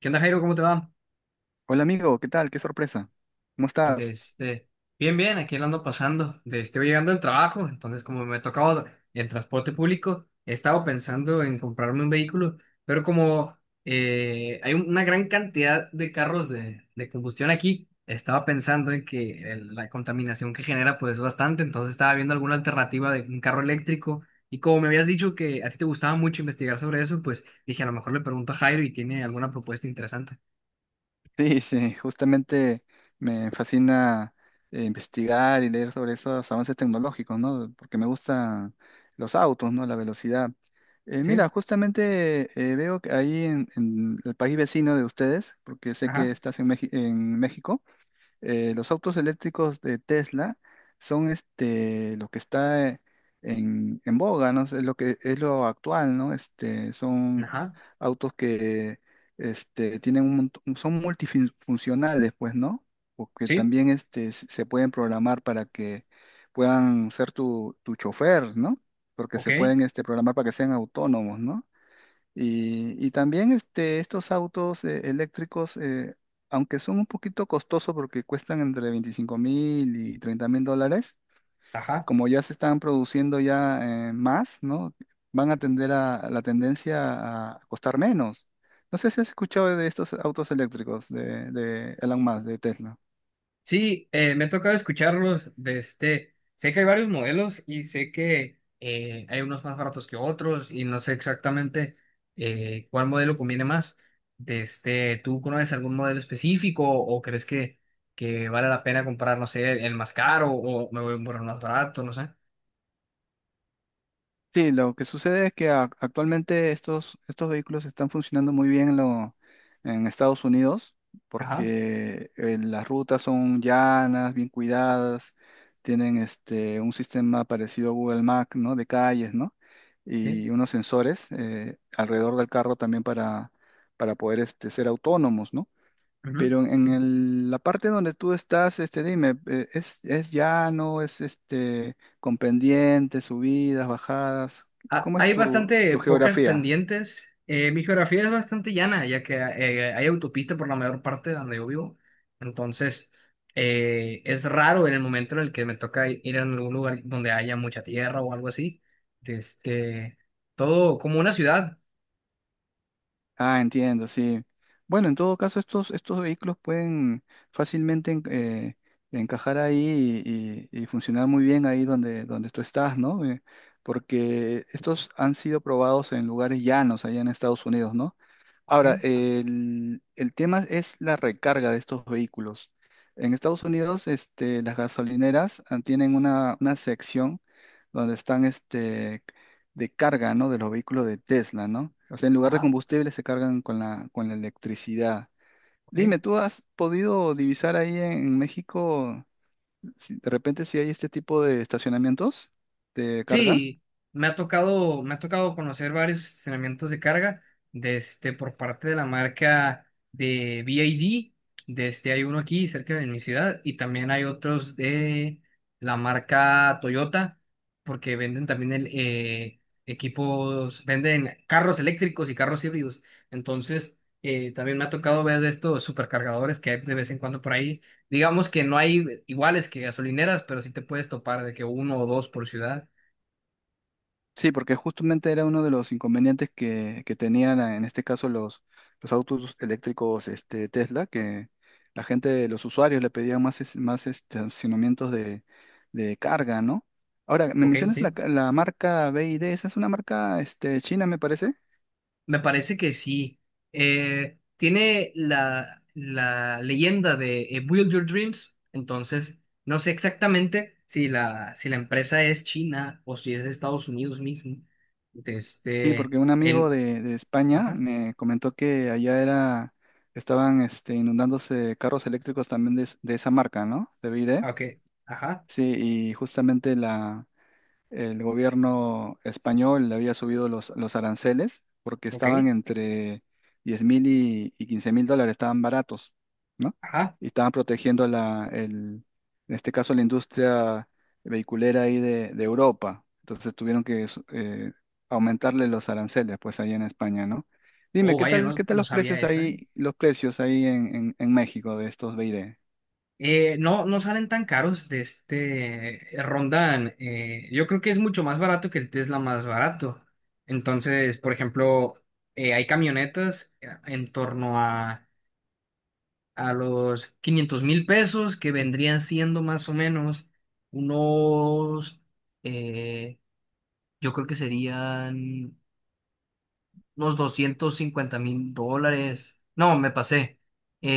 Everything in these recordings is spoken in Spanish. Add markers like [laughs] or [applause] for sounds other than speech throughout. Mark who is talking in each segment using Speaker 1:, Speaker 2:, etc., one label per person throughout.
Speaker 1: ¿Qué onda, Jairo? ¿Cómo te va?
Speaker 2: Hola amigo, ¿qué tal? Qué sorpresa. ¿Cómo
Speaker 1: De
Speaker 2: estás?
Speaker 1: este, bien, bien, aquí la ando pasando. Estoy llegando al trabajo, entonces como me ha tocado el transporte público, he estado pensando en comprarme un vehículo, pero como hay una gran cantidad de carros de combustión aquí. Estaba pensando en que la contaminación que genera pues es bastante. Entonces estaba viendo alguna alternativa de un carro eléctrico, y como me habías dicho que a ti te gustaba mucho investigar sobre eso, pues dije a lo mejor le pregunto a Jairo y tiene alguna propuesta interesante.
Speaker 2: Sí, sí, justamente me fascina investigar y leer sobre esos avances tecnológicos, ¿no? Porque me gustan los autos, ¿no? La velocidad. Eh,
Speaker 1: ¿Sí?
Speaker 2: mira, justamente veo que ahí en el país vecino de ustedes, porque sé que
Speaker 1: Ajá.
Speaker 2: estás en México. Los autos eléctricos de Tesla son lo que está en boga, ¿no? Es lo que es lo actual, ¿no? Son
Speaker 1: Ajá.
Speaker 2: autos que son multifuncionales, pues, ¿no? Porque
Speaker 1: Sí,
Speaker 2: también se pueden programar para que puedan ser tu chofer, ¿no? Porque
Speaker 1: ok,
Speaker 2: se pueden programar para que sean autónomos, ¿no? Y también estos autos eléctricos, aunque son un poquito costosos porque cuestan entre 25,000 y $30,000,
Speaker 1: ajá.
Speaker 2: como ya se están produciendo ya más, ¿no? Van a tender a la tendencia a costar menos. No sé si has escuchado de estos autos eléctricos de Elon Musk, de Tesla.
Speaker 1: Sí, me ha tocado escucharlos de este. Sé que hay varios modelos y sé que hay unos más baratos que otros, y no sé exactamente cuál modelo conviene más. ¿Tú conoces algún modelo específico o crees que vale la pena comprar, no sé, el más caro, o me voy por el más barato, no sé?
Speaker 2: Sí, lo que sucede es que actualmente estos vehículos están funcionando muy bien en Estados Unidos
Speaker 1: Ajá,
Speaker 2: porque las rutas son llanas, bien cuidadas, tienen un sistema parecido a Google Maps, ¿no? De calles, ¿no?
Speaker 1: sí.
Speaker 2: Y unos sensores alrededor del carro también para poder ser autónomos, ¿no?
Speaker 1: Ujú.
Speaker 2: Pero en la parte donde tú estás, dime, ¿es llano, es con pendientes, subidas, bajadas? ¿Cómo es
Speaker 1: Hay
Speaker 2: tu,
Speaker 1: bastante
Speaker 2: tu
Speaker 1: pocas
Speaker 2: geografía?
Speaker 1: pendientes. Mi geografía es bastante llana, ya que hay autopista por la mayor parte de donde yo vivo. Entonces, es raro en el momento en el que me toca ir a algún lugar donde haya mucha tierra o algo así. Este, todo como una ciudad.
Speaker 2: Ah, entiendo, sí. Bueno, en todo caso, estos vehículos pueden fácilmente encajar ahí y funcionar muy bien ahí donde tú estás, ¿no? Porque estos han sido probados en lugares llanos allá en Estados Unidos, ¿no?
Speaker 1: Ok.
Speaker 2: Ahora, el tema es la recarga de estos vehículos. En Estados Unidos, las gasolineras tienen una sección donde están de carga, ¿no? De los vehículos de Tesla, ¿no? O sea, en lugar de
Speaker 1: Ajá,
Speaker 2: combustible se cargan con la electricidad.
Speaker 1: ok.
Speaker 2: Dime, ¿tú has podido divisar ahí México de repente si hay este tipo de estacionamientos de carga?
Speaker 1: Sí, me ha tocado conocer varios estacionamientos de carga por parte de la marca de BID. Hay uno aquí cerca de mi ciudad, y también hay otros de la marca Toyota, porque venden también equipos, venden carros eléctricos y carros híbridos. Entonces, también me ha tocado ver de estos supercargadores que hay de vez en cuando por ahí. Digamos que no hay iguales que gasolineras, pero sí te puedes topar de que uno o dos por ciudad.
Speaker 2: Sí, porque justamente era uno de los inconvenientes que tenían en este caso los autos eléctricos Tesla, que la gente, los usuarios le pedían más estacionamientos de carga, ¿no? Ahora, me
Speaker 1: Ok,
Speaker 2: mencionas la,
Speaker 1: sí.
Speaker 2: ca- la marca BYD, esa es una marca china, me parece.
Speaker 1: Me parece que sí. Tiene la leyenda de Build Your Dreams. Entonces, no sé exactamente si la empresa es china, o si es de Estados Unidos mismo. De
Speaker 2: Sí, porque
Speaker 1: Este,
Speaker 2: un amigo
Speaker 1: en,
Speaker 2: de España
Speaker 1: ajá,
Speaker 2: me comentó que allá era, estaban inundándose carros eléctricos también de esa marca, ¿no? De BYD.
Speaker 1: ok, ajá,
Speaker 2: Sí, y justamente la el gobierno español le había subido los aranceles porque
Speaker 1: ok,
Speaker 2: estaban entre 10,000 y 15 mil dólares, estaban baratos, ¿no?
Speaker 1: ajá.
Speaker 2: Y estaban protegiendo en este caso la industria vehiculera ahí de Europa. Entonces tuvieron que aumentarle los aranceles, pues ahí en España, ¿no? Dime,
Speaker 1: Oh,
Speaker 2: ¿qué
Speaker 1: vaya,
Speaker 2: tal, qué
Speaker 1: no,
Speaker 2: tal
Speaker 1: no
Speaker 2: los
Speaker 1: sabía
Speaker 2: precios
Speaker 1: esta, ¿eh?
Speaker 2: ahí, los precios ahí en México de estos BID?
Speaker 1: No, no salen tan caros , rondan. Yo creo que es mucho más barato que el Tesla más barato. Entonces, por ejemplo, hay camionetas en torno a los 500,000 pesos, que vendrían siendo más o menos unos, eh, yo creo que serían unos $250,000. No, me pasé.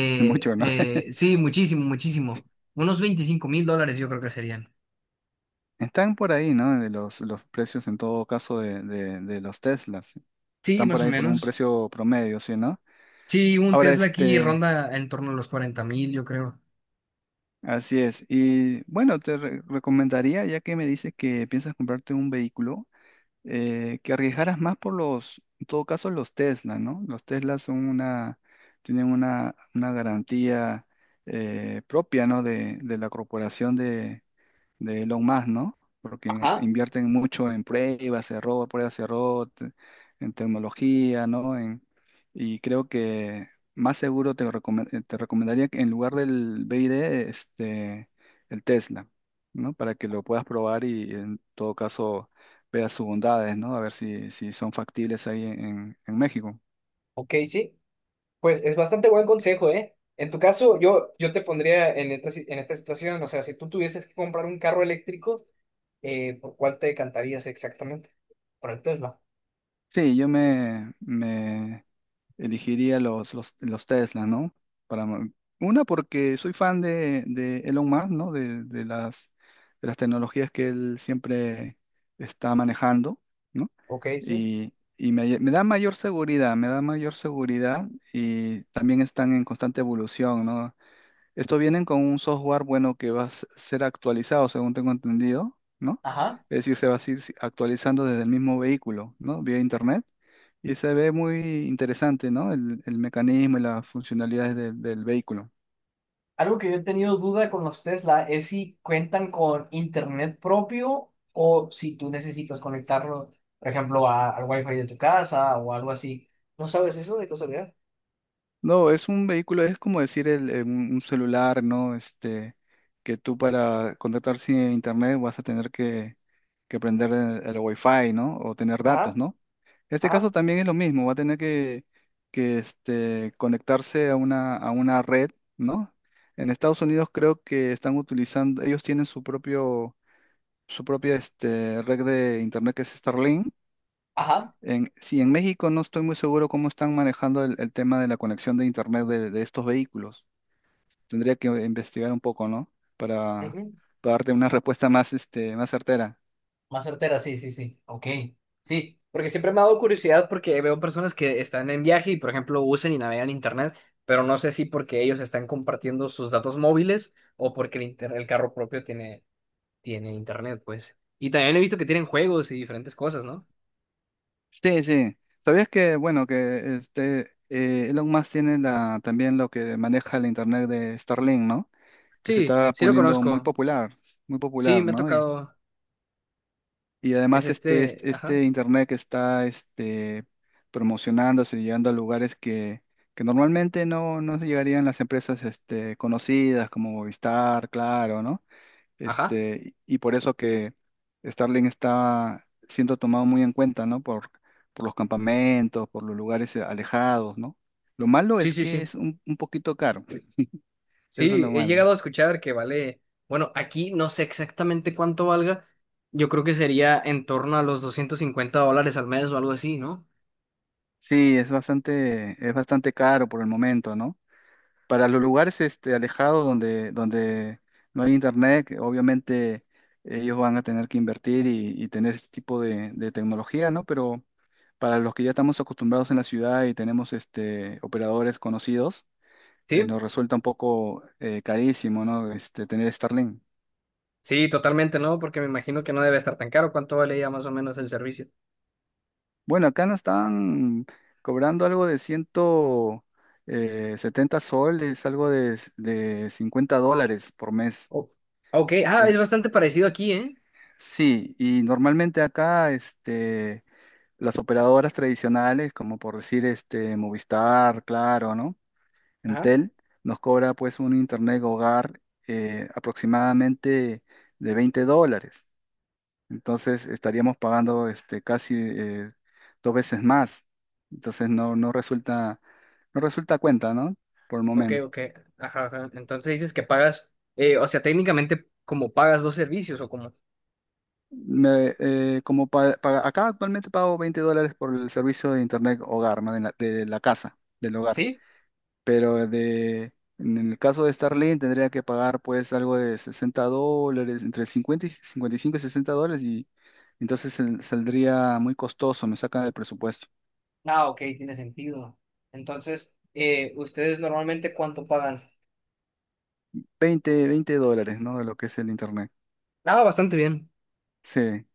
Speaker 2: [laughs] Mucho, ¿no?
Speaker 1: eh, sí, muchísimo, muchísimo. Unos $25,000, yo creo que serían.
Speaker 2: Están por ahí, ¿no? De los precios en todo caso de los Teslas.
Speaker 1: Sí,
Speaker 2: Están por
Speaker 1: más o
Speaker 2: ahí por un
Speaker 1: menos.
Speaker 2: precio promedio, ¿sí, no?
Speaker 1: Sí, un
Speaker 2: Ahora,
Speaker 1: Tesla aquí ronda en torno a los 40,000, yo creo.
Speaker 2: así es. Y bueno, te recomendaría, ya que me dices que piensas comprarte un vehículo, que arriesgaras más por los, en todo caso, los Tesla, ¿no? Los Teslas tienen una garantía propia, ¿no? De la corporación de Elon Musk, ¿no? Porque
Speaker 1: Ajá,
Speaker 2: invierten mucho en pruebas, error, en tecnología, ¿no? Y creo que más seguro te recomendaría que en lugar del BID, este, el Tesla, ¿no? Para que lo puedas probar y en todo caso veas sus bondades, ¿no? A ver si son factibles ahí en México.
Speaker 1: ok, sí. Pues es bastante buen consejo, ¿eh? En tu caso, yo te pondría en esta situación, o sea, si tú tuvieses que comprar un carro eléctrico, ¿Por cuál te decantarías exactamente? Por el Tesla.
Speaker 2: Sí, yo elegiría los Tesla, ¿no? Para, mo- Porque soy fan de Elon Musk, ¿no? De las tecnologías que él siempre está manejando, ¿no?
Speaker 1: Ok, sí.
Speaker 2: Y me da mayor seguridad, me da mayor seguridad y también están en constante evolución, ¿no? Esto vienen con un software, bueno, que va a ser actualizado, según tengo entendido, ¿no?
Speaker 1: Ajá.
Speaker 2: Es decir, se va a ir actualizando desde el mismo vehículo, ¿no? Vía internet. Y se ve muy interesante, ¿no? El mecanismo y las funcionalidades del vehículo.
Speaker 1: Algo que yo he tenido duda con los Tesla es si cuentan con internet propio, o si tú necesitas conectarlo, por ejemplo, al wifi de tu casa o algo así. ¿No sabes eso de casualidad?
Speaker 2: No, es un vehículo, es como decir el, un celular, ¿no? Que tú para contactar a internet vas a tener que prender el Wi-Fi, ¿no? O tener datos,
Speaker 1: Ajá,
Speaker 2: ¿no? En este caso
Speaker 1: ajá.
Speaker 2: también es lo mismo, va a tener que conectarse a una red, ¿no? En Estados Unidos creo que están utilizando, ellos tienen su propia red de internet que es Starlink.
Speaker 1: Ajá,
Speaker 2: Sí, en México no estoy muy seguro cómo están manejando el tema de la conexión de internet de estos vehículos. Tendría que investigar un poco, ¿no? Para,
Speaker 1: ujú.
Speaker 2: para darte una respuesta más certera.
Speaker 1: Más certera, sí, sí, sí. Ok, sí, porque siempre me ha dado curiosidad, porque veo personas que están en viaje y, por ejemplo, usan y navegan internet, pero no sé si porque ellos están compartiendo sus datos móviles, o porque el carro propio tiene internet, pues. Y también he visto que tienen juegos y diferentes cosas, ¿no?
Speaker 2: Sí, sí. ¿Sabías que, bueno, que Elon Musk tiene también lo que maneja el internet de Starlink, ¿no? Que se
Speaker 1: Sí,
Speaker 2: está
Speaker 1: sí lo
Speaker 2: poniendo
Speaker 1: conozco.
Speaker 2: muy
Speaker 1: Sí,
Speaker 2: popular,
Speaker 1: me ha
Speaker 2: ¿no?
Speaker 1: tocado.
Speaker 2: Y
Speaker 1: Es
Speaker 2: además este,
Speaker 1: este.
Speaker 2: este,
Speaker 1: Ajá.
Speaker 2: este internet que está promocionándose y llegando a lugares que normalmente no llegarían las empresas conocidas como Movistar, Claro, ¿no?
Speaker 1: Ajá.
Speaker 2: Y por eso que Starlink está siendo tomado muy en cuenta, ¿no? Por los campamentos, por los lugares alejados, ¿no? Lo malo
Speaker 1: Sí,
Speaker 2: es
Speaker 1: sí,
Speaker 2: que
Speaker 1: sí.
Speaker 2: es un poquito caro, eso es
Speaker 1: Sí,
Speaker 2: lo
Speaker 1: he
Speaker 2: malo.
Speaker 1: llegado a escuchar que vale. Bueno, aquí no sé exactamente cuánto valga. Yo creo que sería en torno a los $250 al mes o algo así, ¿no?
Speaker 2: Sí, es bastante caro por el momento, ¿no? Para los lugares alejados donde no hay internet, que obviamente ellos van a tener que invertir y tener este tipo de tecnología, ¿no? Pero para los que ya estamos acostumbrados en la ciudad y tenemos operadores conocidos,
Speaker 1: Sí.
Speaker 2: nos resulta un poco carísimo, ¿no? Tener Starlink.
Speaker 1: Sí, totalmente, ¿no? Porque me imagino que no debe estar tan caro. ¿Cuánto vale ya más o menos el servicio?
Speaker 2: Bueno, acá nos están cobrando algo de ciento setenta soles, algo de $50 por mes.
Speaker 1: Oh, ok. Ah,
Speaker 2: eh,
Speaker 1: es bastante parecido aquí, ¿eh?
Speaker 2: Sí, y normalmente acá las operadoras tradicionales, como por decir Movistar, Claro, ¿no?
Speaker 1: Ajá.
Speaker 2: Entel, nos cobra pues un internet hogar aproximadamente de $20. Entonces estaríamos pagando casi dos veces más. Entonces no resulta cuenta, ¿no? Por el
Speaker 1: Ok,
Speaker 2: momento.
Speaker 1: ok. Ajá, ajá. Entonces dices que pagas, o sea, técnicamente como pagas dos servicios o como...
Speaker 2: Me, como pa- pa- Acá actualmente pago $20 por el servicio de internet hogar, ¿no? De la casa, del hogar.
Speaker 1: Sí.
Speaker 2: Pero en el caso de Starlink tendría que pagar pues algo de $60, entre 50 y cincuenta y cinco y sesenta dólares y entonces saldría muy costoso, me saca del presupuesto.
Speaker 1: Ah, ok, tiene sentido. Entonces, ¿Ustedes normalmente cuánto pagan?
Speaker 2: Veinte dólares, ¿no? De lo que es el internet.
Speaker 1: Ah, bastante bien.
Speaker 2: Sí.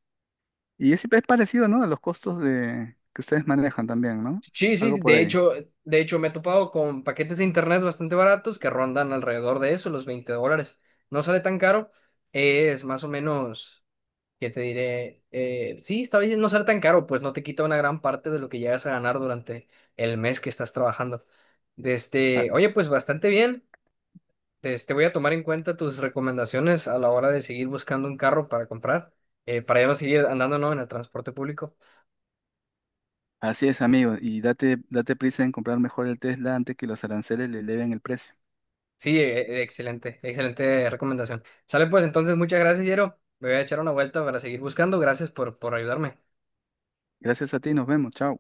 Speaker 2: Y es parecido, ¿no? A los costos que ustedes manejan también, ¿no?
Speaker 1: Sí,
Speaker 2: Algo
Speaker 1: sí,
Speaker 2: por
Speaker 1: de
Speaker 2: ahí.
Speaker 1: hecho, de hecho me he topado con paquetes de internet bastante baratos, que rondan alrededor de eso, los $20. No sale tan caro, es más o menos... ¿Qué te diré? Sí, está bien no ser tan caro, pues no te quita una gran parte de lo que llegas a ganar durante el mes que estás trabajando.
Speaker 2: Ah,
Speaker 1: Desde, oye, pues bastante bien. Voy a tomar en cuenta tus recomendaciones a la hora de seguir buscando un carro para comprar, para ya no seguir andando, ¿no?, en el transporte público.
Speaker 2: así es, amigo, y date prisa en comprar mejor el Tesla antes que los aranceles le eleven el precio.
Speaker 1: Sí, excelente, excelente recomendación. Sale pues entonces, muchas gracias, Yero. Me voy a echar una vuelta para seguir buscando. Gracias por ayudarme.
Speaker 2: Gracias a ti, nos vemos, chao.